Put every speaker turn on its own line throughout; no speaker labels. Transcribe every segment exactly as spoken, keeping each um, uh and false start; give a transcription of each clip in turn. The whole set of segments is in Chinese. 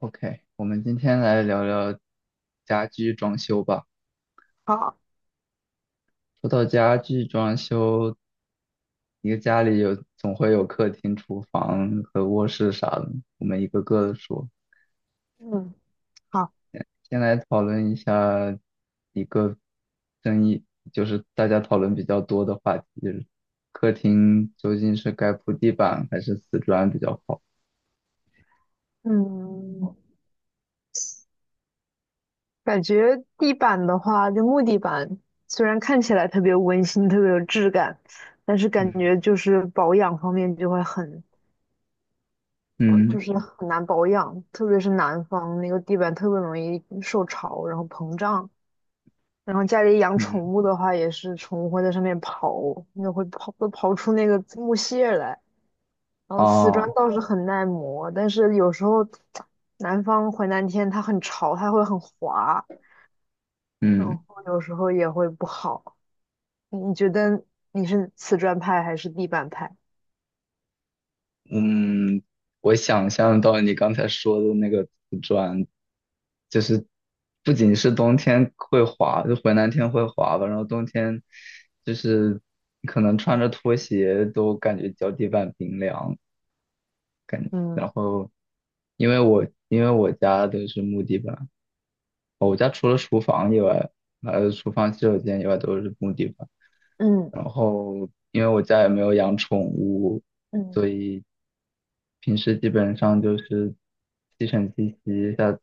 OK，我们今天来聊聊家居装修吧。
好，
说到家居装修，一个家里有总会有客厅、厨房和卧室啥的，我们一个个的说。
嗯，好，
先来讨论一下一个争议，就是大家讨论比较多的话题，就是客厅究竟是该铺地板还是瓷砖比较好？
嗯，感觉地板的话，就木地板，虽然看起来特别温馨、特别有质感，但是感
嗯
觉就是保养方面就会很，呃
嗯
就是很难保养，特别是南方那个地板特别容易受潮，然后膨胀。然后家里养
嗯，
宠物的话，也是宠物会在上面刨，那会刨会刨出那个木屑来。然后瓷砖
哦，
倒是很耐磨，但是有时候南方回南天它很潮，它会很滑，然
嗯
后有时候也会不好。你觉得你是瓷砖派还是地板派？
嗯，我想象到你刚才说的那个瓷砖，就是不仅是冬天会滑，就回南天会滑吧，然后冬天就是可能穿着拖鞋都感觉脚底板冰凉。
嗯
然后因为我因为我家都是木地板，我家除了厨房以外，还有厨房洗手间以外都是木地板。
嗯
然后因为我家也没有养宠物，
嗯
所以平时基本上就是吸尘器吸一下，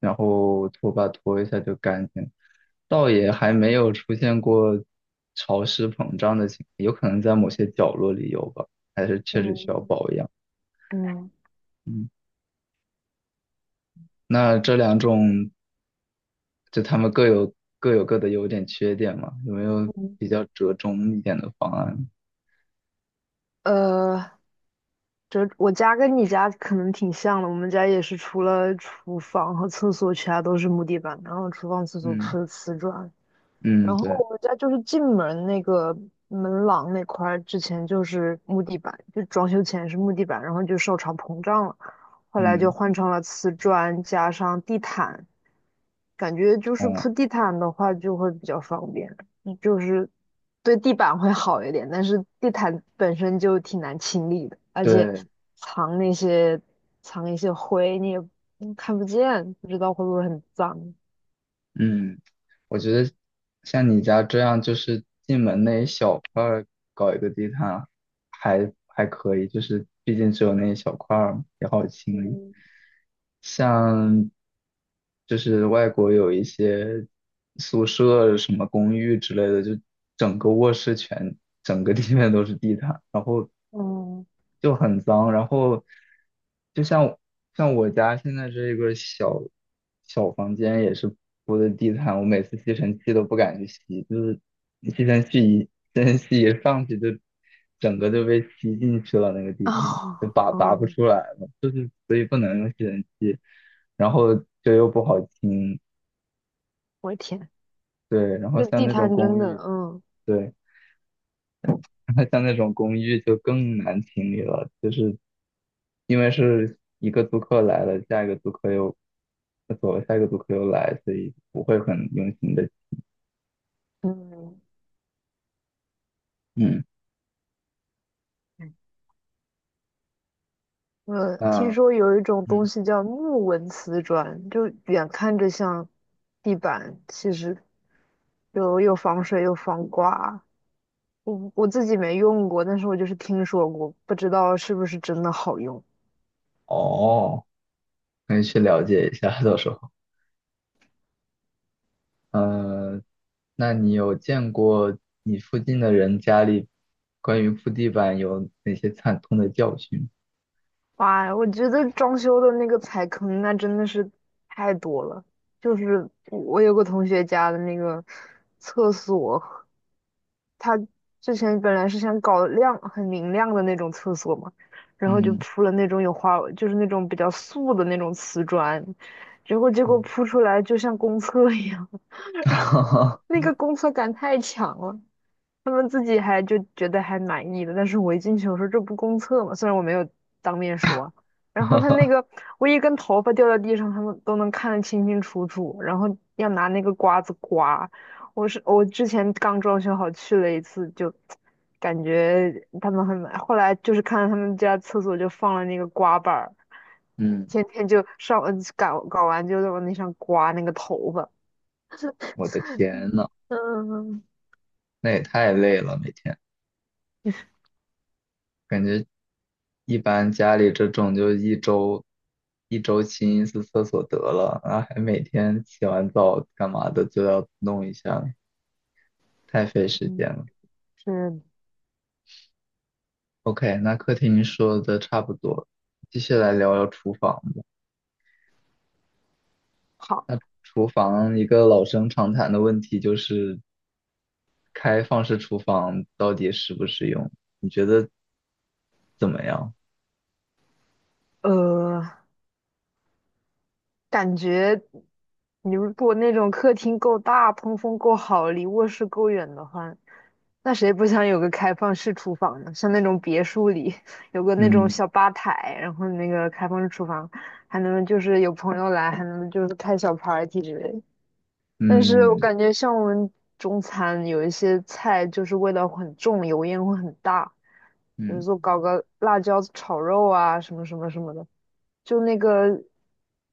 然后拖把拖一下就干净，倒也还没有出现过潮湿膨胀的情况，有可能在某些角落里有吧，还是确实需要
嗯
保养。
嗯
嗯，那这两种就他们各有各有各的优点缺点嘛，有没有
嗯，
比较折中一点的方案？
呃，这我家跟你家可能挺像的，我们家也是除了厨房和厕所，其他都是木地板，然后厨房、厕所
嗯
铺的瓷砖。
嗯，
然后
对，
我们家就是进门那个门廊那块儿，之前就是木地板，就装修前是木地板，然后就受潮膨胀了，后来就
嗯
换成了瓷砖加上地毯，感觉就是
哦。
铺地毯的话就会比较方便，嗯就是对地板会好一点，但是地毯本身就挺难清理的，而且
对，
藏那些藏一些灰你也嗯看不见，不知道会不会很脏。
嗯，我觉得像你家这样，就是进门那一小块儿搞一个地毯还还可以，就是毕竟只有那一小块儿嘛，也好清理。
嗯
像就是外国有一些宿舍什么公寓之类的，就整个卧室全整个地面都是地毯，然后。
嗯，
就很脏。然后就像像我家现在这个小小房间也是铺的地毯，我每次吸尘器都不敢去吸，就是吸尘器一吸尘器一上去就整个就被吸进去了，那个地毯就
哦，
拔拔不
哦
出来了，所以不能用吸尘器，然后就又不好清，
我的天，
对，然
那
后
个
像
地
那种
摊真
公
的，
寓，
嗯
对。像那种公寓就更难清理了，就是因为是一个租客来了，下一个租客又走了，下一个租客又来，所以不会很用心的。
嗯，
嗯，
我听
那
说有一种东
嗯，
西叫木纹瓷砖，就远看着像地板，其实又又防水又防刮。我我自己没用过，但是我就是听说过，不知道是不是真的好用。
哦，可以去了解一下，到时候。呃，那你有见过你附近的人家里关于铺地板有哪些惨痛的教训？
哇，我觉得装修的那个踩坑那真的是太多了，就是我有个同学家的那个厕所。他之前本来是想搞亮很明亮的那种厕所嘛，然后就
嗯
铺了那种有花，就是那种比较素的那种瓷砖，结果结果
嗯，
铺出来就像公厕一样，然后那个公厕感太强了，他们自己还就觉得还满意的，但是我一进去我说这不公厕吗？虽然我没有当面说，然后他那 个我一根头发掉在地上，他们都能看得清清楚楚，然后要拿那个刮子刮。我是我之前刚装修好去了一次，就感觉他们很满。后来就是看到他们家厕所就放了那个刮板儿，
嗯，
天天就上呃搞搞完就在往那上刮那个头发。
我的天呐，
嗯，
那也太累了，每天感觉。一般家里这种就一周一周清一次厕所得了，然后还每天洗完澡干嘛的就要弄一下，太费时间
嗯，
了。
是。
OK，那客厅说的差不多，继续来聊聊厨房吧。
好，
那厨房一个老生常谈的问题就是开放式厨房到底实不实用？你觉得怎么样？
呃，感觉你如果那种客厅够大、通风够好、离卧室够远的话，那谁不想有个开放式厨房呢？像那种别墅里 有个那种
嗯
小吧台，然后那个开放式厨房，还能就是有朋友来，还能就是开小 party 之类的。但是我
嗯
感觉像我们中餐有一些菜就是味道很重，油烟会很大，比如
嗯，
说搞个辣椒炒肉啊，什么什么什么的。就那个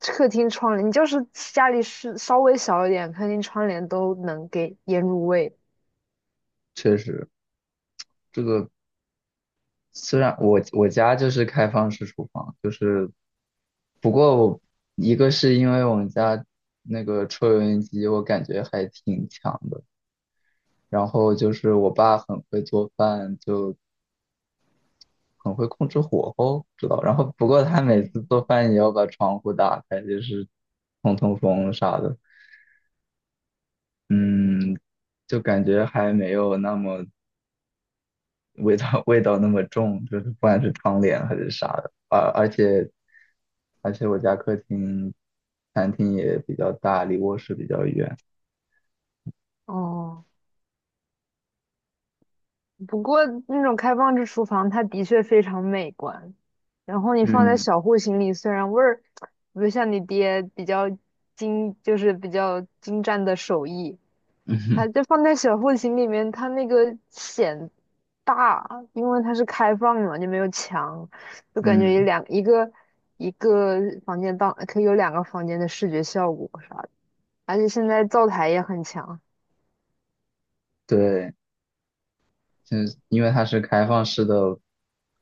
客厅窗帘，你就是家里是稍微小一点，客厅窗帘都能给腌入味。
确实，这个虽然我我家就是开放式厨房，就是不过我一个是因为我们家那个抽油烟机，我感觉还挺强的。然后就是我爸很会做饭，就很会控制火候，知道。然后不过他每
嗯，
次做饭也要把窗户打开，就是通通风啥的。嗯，就感觉还没有那么味道 味道那么重，就是不管是窗帘还是啥的，而而且而且我家客厅餐厅也比较大，离卧室比较远。
哦，不过那种开放式厨房，它的确非常美观。然后你放在
嗯
小户型里，虽然味儿不像你爹比较精，就是比较精湛的手艺，它
嗯
就放在小户型里面，它那个显大，因为它是开放嘛，就没有墙，就感觉有
嗯，
两一个一个房间当可以有两个房间的视觉效果啥的，而且现在灶台也很强，
对。就是因为它是开放式的，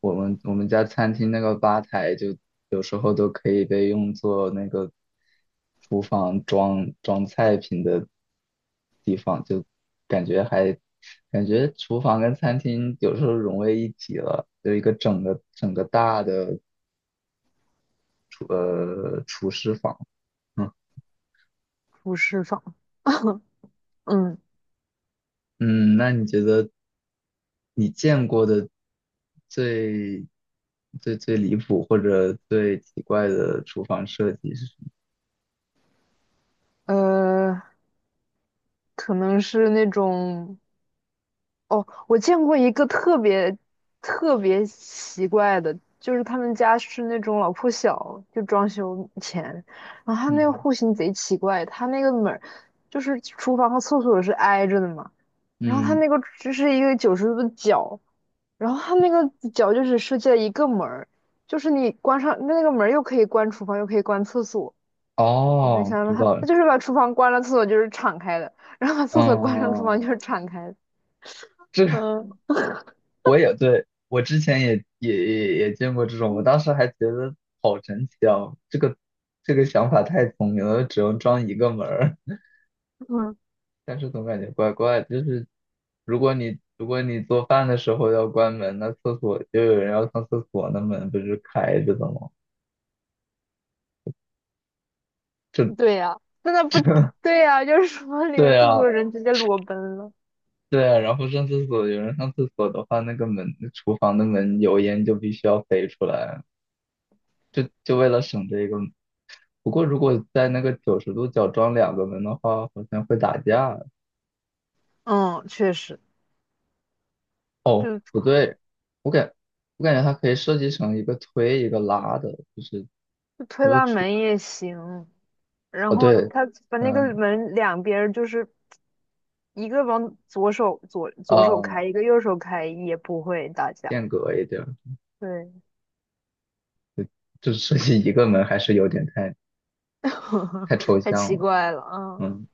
我们我们家餐厅那个吧台就有时候都可以被用作那个厨房装装菜品的地方，就感觉还感觉厨房跟餐厅有时候融为一体了，有一个整个整个大的厨呃厨师房。嗯
不释放，嗯。
嗯，那你觉得？你见过的最最最离谱或者最奇怪的厨房设计是什么？
呃，可能是那种。哦，我见过一个特别特别奇怪的，就是他们家是那种老破小，就装修前，然后他那个
嗯
户型贼奇怪，他那个门儿就是厨房和厕所是挨着的嘛，然后他
嗯，
那个就是一个九十度的角，然后他那个角就只设计了一个门儿，就是你关上那个门儿又可以关厨房，又可以关厕所，你能
哦，
想象吗
知
他
道了。
他就是把厨房关了，厕所就是敞开的，然后把厕所关上，厨房就
嗯，
是敞开的，
这个
嗯
我也对，我之前也也也也见过这种，我
嗯，
当时还觉得好神奇啊，这个这个想法太聪明了，只用装一个门儿，
嗯
但是总感觉怪怪的，就是如果你如果你做饭的时候要关门，那厕所就有人要上厕所，那门不是开着的吗？这
对呀、真的不对呀、就是说里面
对
制
啊，
作人直接裸奔了，
对啊，然后上厕所，有人上厕所的话，那个门，厨房的门油烟就必须要飞出来，就就为了省这个。不过如果在那个九十度角装两个门的话，好像会打架。
嗯，确实，就就
不对，我感我感觉它可以设计成一个推一个拉的，就是
推
如果
拉
出，
门也行。然
哦
后
对，
他把那
嗯
个门两边儿就是一个往左手左左手开，
嗯，
一个右手开，也不会打架。
间隔一点儿，
对，
就是设计一个门还是有点太太抽
太
象
奇
了，
怪了，啊。
嗯。